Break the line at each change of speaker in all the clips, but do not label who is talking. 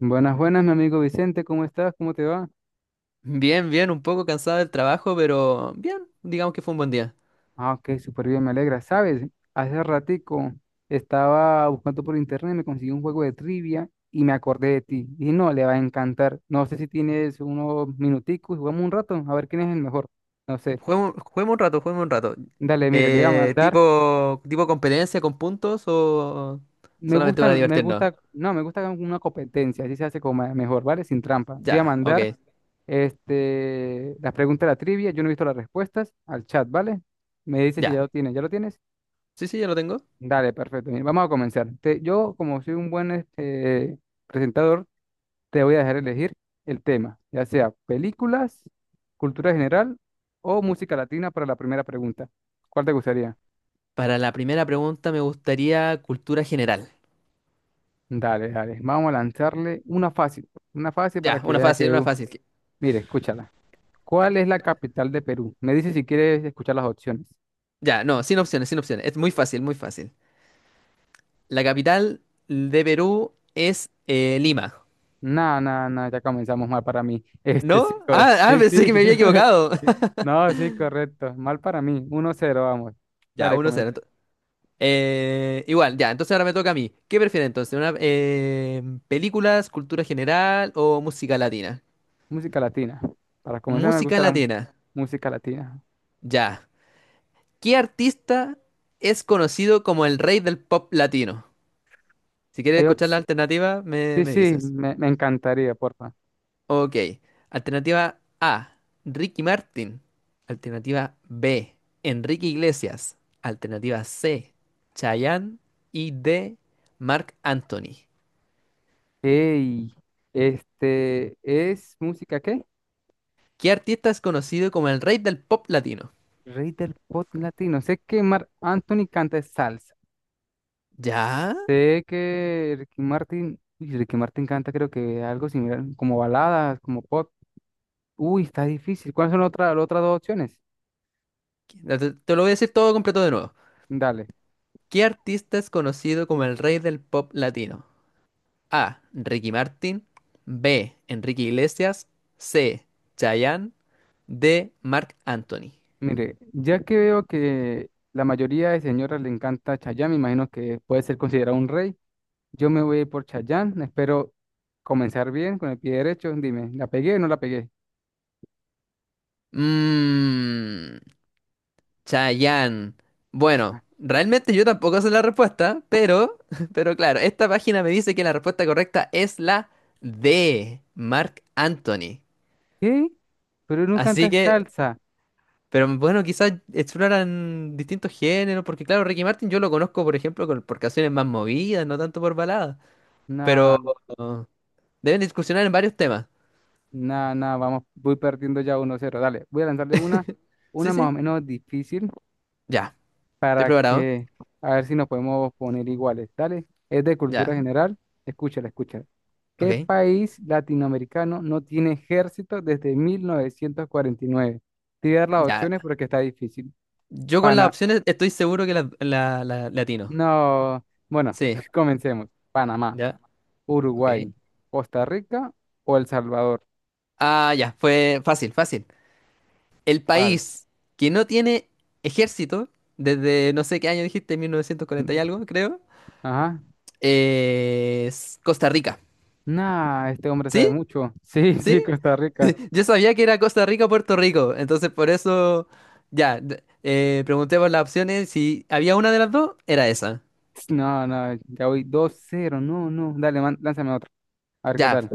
Buenas, buenas, mi amigo Vicente, ¿cómo estás? ¿Cómo te va?
Bien, bien, un poco cansada del trabajo, pero bien, digamos que fue un buen día.
Ah, ok, súper bien, me alegra. ¿Sabes? Hace ratico estaba buscando por internet, me conseguí un juego de trivia y me acordé de ti. Y no, le va a encantar. No sé si tienes unos minuticos, jugamos un rato, a ver quién es el mejor. No sé.
Juguemos, juguemos un rato, juguemos un rato.
Dale, mire, le voy a mandar.
Tipo competencia con puntos o solamente para
Me
divertirnos.
gusta, no, me gusta una competencia, así se hace como mejor, ¿vale? Sin trampa. Te voy a
Ya, ok,
mandar las preguntas de la trivia, yo no he visto las respuestas, al chat, ¿vale? Me dice si
ya.
ya lo tienes, ¿ya lo tienes?
Sí, sí, ya lo tengo.
Dale, perfecto. Mira, vamos a comenzar. Yo, como soy un buen presentador, te voy a dejar elegir el tema, ya sea películas, cultura general o música latina para la primera pregunta. ¿Cuál te gustaría?
Para la primera pregunta me gustaría cultura general.
Dale, dale. Vamos a lanzarle una fácil para
Ya,
que
una
veas
fácil,
que,
una fácil.
mire, escúchala. ¿Cuál es la capital de Perú? Me dice si quieres escuchar las opciones.
Ya, no, sin opciones, sin opciones. Es muy fácil, muy fácil. La capital de Perú es Lima.
No, no, no, ya comenzamos mal para mí. Este sí,
¿No? Ah, ah,
sí,
pensé
sí.
que me había equivocado.
No, sí, correcto. Mal para mí. 1-0, vamos.
Ya,
Dale,
uno
comen.
0 Igual, ya, entonces ahora me toca a mí. ¿Qué prefieres entonces? ¿Películas, cultura general o música latina?
Música latina. Para comenzar me
Música
gusta la
latina,
música latina.
ya. ¿Qué artista es conocido como el rey del pop latino? Si quieres
Hay
escuchar
otros.
la alternativa, me,
Sí,
me
sí,
dices.
me encantaría, porfa.
Ok, alternativa A, Ricky Martin. Alternativa B, Enrique Iglesias. Alternativa C, Chayanne. Y D, Marc Anthony.
Ey, ¿es música qué?
¿Qué artista es conocido como el rey del pop latino?
Rey del pop latino. Sé que Marc Anthony canta salsa.
¿Ya?
Sé que Ricky Martin, uy, Ricky Martin canta creo que algo similar, como baladas, como pop. Uy, está difícil. ¿Cuáles son las otras dos opciones?
Te lo voy a decir todo completo de nuevo.
Dale.
¿Qué artista es conocido como el rey del pop latino? A. Ricky Martin. B. Enrique Iglesias. C. Chayanne. D. Marc Anthony.
Mire, ya que veo que la mayoría de señoras le encanta Chayanne, me imagino que puede ser considerado un rey. Yo me voy a ir por Chayanne. Espero comenzar bien con el pie derecho. Dime, ¿la pegué o no la pegué?
Mmm. Chayanne. Bueno,
Cha-
realmente yo tampoco sé la respuesta, pero, pero claro, esta página me dice que la respuesta correcta es la D. Marc Anthony.
¿Qué? Pero no
Así
canta
que,
salsa.
pero bueno, quizás exploran distintos géneros, porque claro, Ricky Martin yo lo conozco, por ejemplo, por canciones más movidas, no tanto por baladas. Pero
Nah,
uh, deben discusionar en varios temas.
nah, nah, vamos, voy perdiendo ya 1-0. Dale, voy a lanzarle una
Sí,
más
sí,
o menos difícil.
ya. Estoy
Para
preparado.
que a ver si nos podemos poner iguales. Dale, es de cultura
Ya,
general. Escúchala, escúchala. ¿Qué
ok.
país latinoamericano no tiene ejército desde 1949? Te voy a dar las
Ya.
opciones porque está difícil.
Yo con las
Pana,
opciones estoy seguro que le atino.
no. Bueno,
Sí,
comencemos. Panamá,
ya, ok.
Uruguay, Costa Rica o El Salvador.
Ah, ya, fue fácil, fácil. El
¿Cuál?
país que no tiene ejército, desde no sé qué año dijiste, 1940 y algo, creo,
Ajá.
es Costa Rica.
Nah, este hombre sabe
¿Sí?
mucho. Sí, sí,
¿Sí?
Costa Rica.
Yo sabía que era Costa Rica o Puerto Rico, entonces por eso ya pregunté por las opciones. Si había una de las dos, era esa.
No, no, ya voy 2-0. No, no. Dale, lánzame otro. A ver qué
Ya,
tal.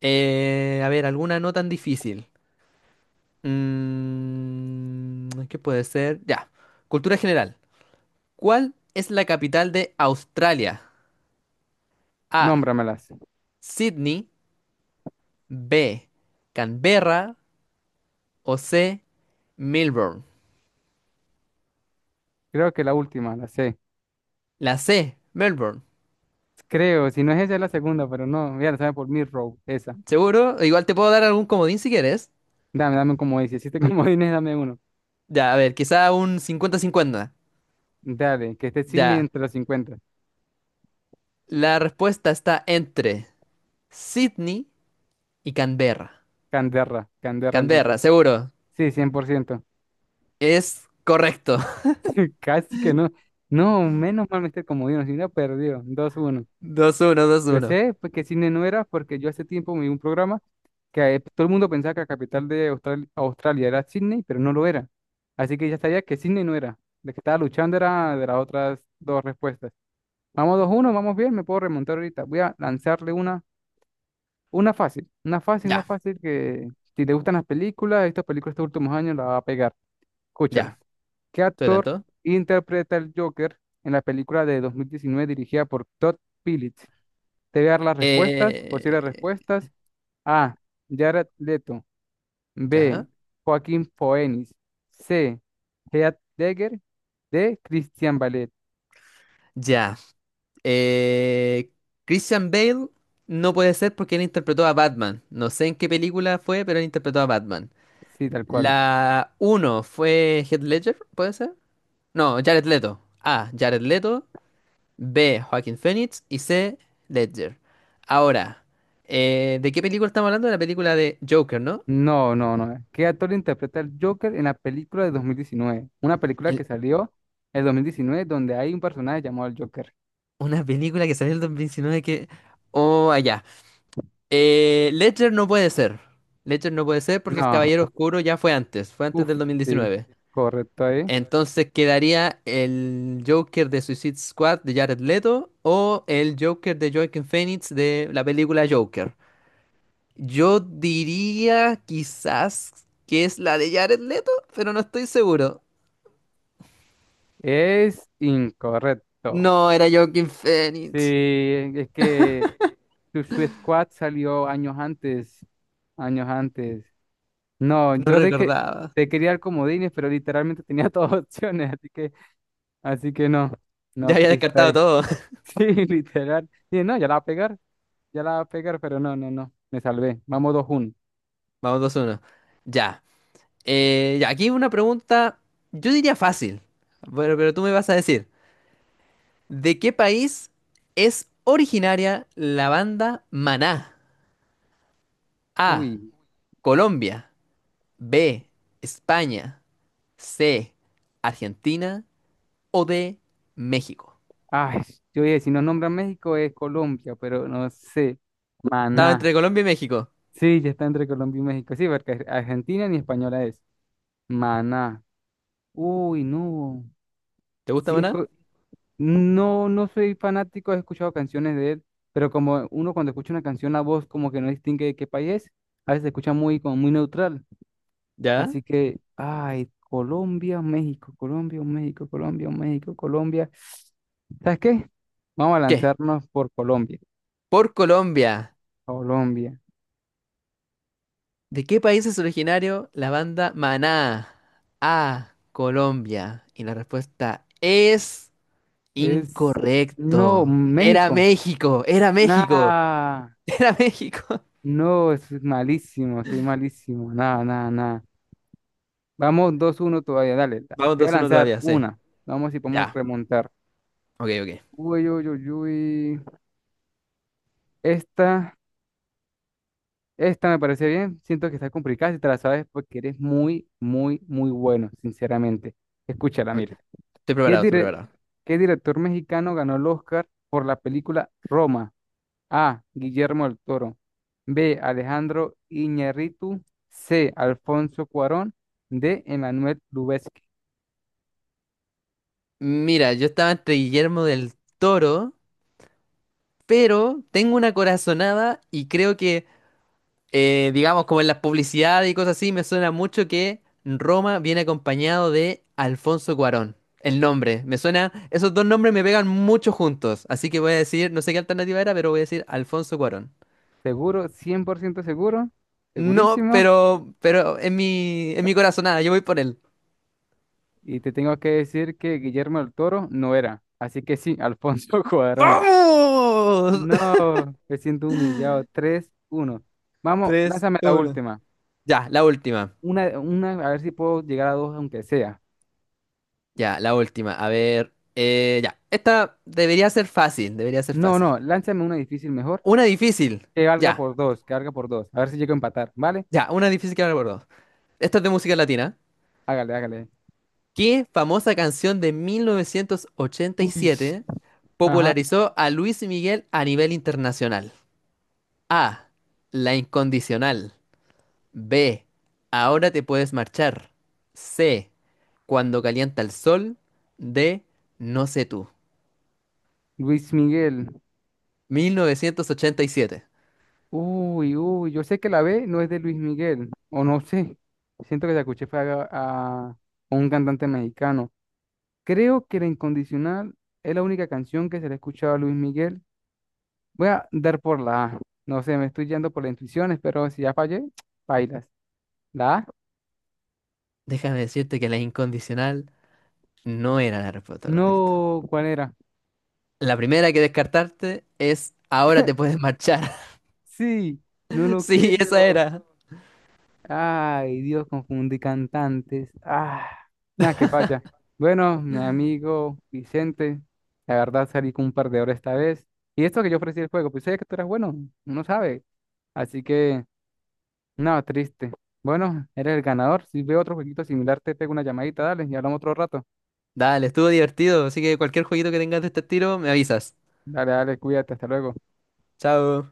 a ver, alguna no tan difícil. ¿Qué puede ser? Ya, cultura general. ¿Cuál es la capital de Australia? A.
Nómbramelas.
Sydney. B. Canberra. O C. Melbourne.
Creo que la última, la sé.
La C. Melbourne.
Creo, si no es esa, es la segunda, pero no. Mira, la sabe por Row, esa.
¿Seguro? Igual te puedo dar algún comodín si quieres.
Dame, dame como dice. Si te comodines, dame uno.
Ya, a ver, quizá un cincuenta cincuenta.
Dale, que esté Sidney
Ya.
entre los 50.
La respuesta está entre Sydney y Canberra.
Canderra, Canderra entonces.
Canberra, seguro.
Sí, 100%.
Es correcto.
Casi que no. No, menos mal me esté comodino, si no, perdió. 2-1.
dos uno dos
Yo
uno
sé pues, que Sydney no era porque yo hace tiempo me vi un programa que todo el mundo pensaba que la capital de Australia era Sydney, pero no lo era. Así que ya sabía que Sydney no era. La que estaba luchando era de las otras dos respuestas. Vamos 2-1, vamos bien, me puedo remontar ahorita. Voy a lanzarle una fácil, una fácil, una
Ya,
fácil que si te gustan las películas, estas películas estos últimos años la va a pegar.
ya.
Escúchala. ¿Qué
Estoy
actor
atento.
interpreta el Joker en la película de 2019 dirigida por Todd Phillips? Te voy a dar las respuestas, posibles
Eh,
respuestas. A. Jared Leto. B.
ya.
Joaquín Phoenix. C. Heath Ledger. D. Christian Ballet.
Ya. Eh, Christian Bale no puede ser porque él interpretó a Batman. No sé en qué película fue, pero él interpretó a Batman.
Sí, tal cual.
La uno fue Heath Ledger, ¿puede ser? No, Jared Leto. Ah, Jared Leto. B, Joaquin Phoenix y C, Ledger. Ahora, ¿de qué película estamos hablando? De la película de Joker, ¿no?
No, no, no. ¿Qué actor interpreta el Joker en la película de 2019? Una película que
El-
salió en 2019, donde hay un personaje llamado el Joker.
una película que salió en el 2019 que... Oh, allá. Ledger no puede ser. Ledger no puede ser porque el
No.
Caballero Oscuro ya fue antes
Uf,
del
sí.
2019.
Correcto, ahí.
Entonces quedaría el Joker de Suicide Squad de Jared Leto o el Joker de Joaquin Phoenix de la película Joker. Yo diría quizás que es la de Jared Leto, pero no estoy seguro.
Es incorrecto.
No, era Joaquin
Sí,
Phoenix.
es que Suicide Squad salió años antes, años antes. No,
No
yo de que
recordaba.
te quería dar comodines, pero literalmente tenía todas opciones, así que no,
Ya
no,
había
triste
descartado
ahí.
todo.
Sí, literal. Y no, ya la va a pegar, ya la va a pegar, pero no, no, no, me salvé. Vamos 2-1.
Vamos 2-1. Ya. Ya, aquí una pregunta, yo diría fácil, bueno, pero tú me vas a decir, ¿de qué país es originaria la banda Maná? A,
Uy,
Colombia, B, España, C, Argentina o D, México.
ay, yo dije, si no nombra México es Colombia, pero no sé.
Estaba
Maná.
entre Colombia y México.
Sí, ya está entre Colombia y México. Sí, porque Argentina ni española es. Maná. Uy, no.
¿Te gusta
Sí, es,
Maná?
co. No, no soy fanático, he escuchado canciones de él, pero como uno cuando escucha una canción, la voz como que no distingue de qué país es, a veces se escucha muy, como muy neutral.
¿Ya?
Así que, ay, Colombia, México, Colombia, México, Colombia, México, Colombia. ¿Sabes qué? Vamos a
¿Qué?
lanzarnos por Colombia.
Por Colombia.
Colombia.
¿De qué país es originario la banda Maná? A. Colombia. Y la respuesta es
Es. No,
incorrecto.
México.
Era México,
Nah.
era México.
No, es malísimo, soy malísimo. Nada, nada, nada. Vamos dos uno todavía, dale.
Vamos
Te voy a
2-1
lanzar
todavía, sí.
una. Vamos si podemos
Ya.
remontar.
Ok, ok.
Uy, uy, uy, uy. Esta, esta me parece bien. Siento que está complicada si te la sabes porque eres muy, muy, muy bueno, sinceramente. Escúchala,
Ok.
mire.
Estoy
¿Qué
preparado, estoy
dire-
preparado.
qué director mexicano ganó el Oscar por la película Roma? A. Guillermo del Toro. B. Alejandro Iñárritu. C. Alfonso Cuarón. D. Emmanuel Lubezki.
Mira, yo estaba entre Guillermo del Toro, pero tengo una corazonada y creo que digamos, como en las publicidades y cosas así, me suena mucho que Roma viene acompañado de Alfonso Cuarón. El nombre, me suena, esos dos nombres me pegan mucho juntos, así que voy a decir, no sé qué alternativa era, pero voy a decir Alfonso Cuarón.
Seguro, 100% seguro,
No,
segurísimo.
pero en mi corazonada, yo voy por él.
Y te tengo que decir que Guillermo del Toro no era. Así que sí, Alfonso Cuarón.
¡Vamos!
No, me siento humillado. 3-1. Vamos,
Tres,
lánzame la
uno.
última.
Ya, la última.
Una, a ver si puedo llegar a dos, aunque sea.
Ya, la última. A ver, ya. Esta debería ser fácil, debería ser
No,
fácil.
no, lánzame una difícil mejor.
Una difícil.
Que valga
Ya,
por dos, que valga por dos. A ver si llego a empatar, ¿vale?
ya, una difícil que no recuerdo. Esta es de música latina.
Hágale, hágale.
¿Qué famosa canción de
Uy,
1987
ajá.
popularizó a Luis Miguel a nivel internacional? A. La incondicional. B. Ahora te puedes marchar. C. Cuando calienta el sol. D. No sé tú.
Luis Miguel.
1987.
Uy, uy, yo sé que la B no es de Luis Miguel, o no sé. Siento que la escuché fue a un cantante mexicano. Creo que La Incondicional es la única canción que se le ha escuchado a Luis Miguel. Voy a dar por la A. No sé, me estoy yendo por las intuiciones, pero si ya fallé, bailas. ¿La A?
Déjame decirte que la incondicional no era la respuesta correcta.
No, ¿cuál era?
La primera que descartarte es Ahora te puedes marchar.
Sí, no lo
Sí, esa
creo.
era.
Ay, Dios, confundí cantantes. Ah, nada, que falla. Bueno, mi amigo Vicente, la verdad salí con un perdedor esta vez. Y esto que yo ofrecí el juego, pues sabía que tú eras bueno, uno sabe. Así que, nada, triste. Bueno, eres el ganador. Si veo otro jueguito similar, te pego una llamadita, dale, y hablamos otro rato.
Dale, estuvo divertido, así que cualquier jueguito que tengas de este estilo, me avisas.
Dale, dale, cuídate, hasta luego.
Chao.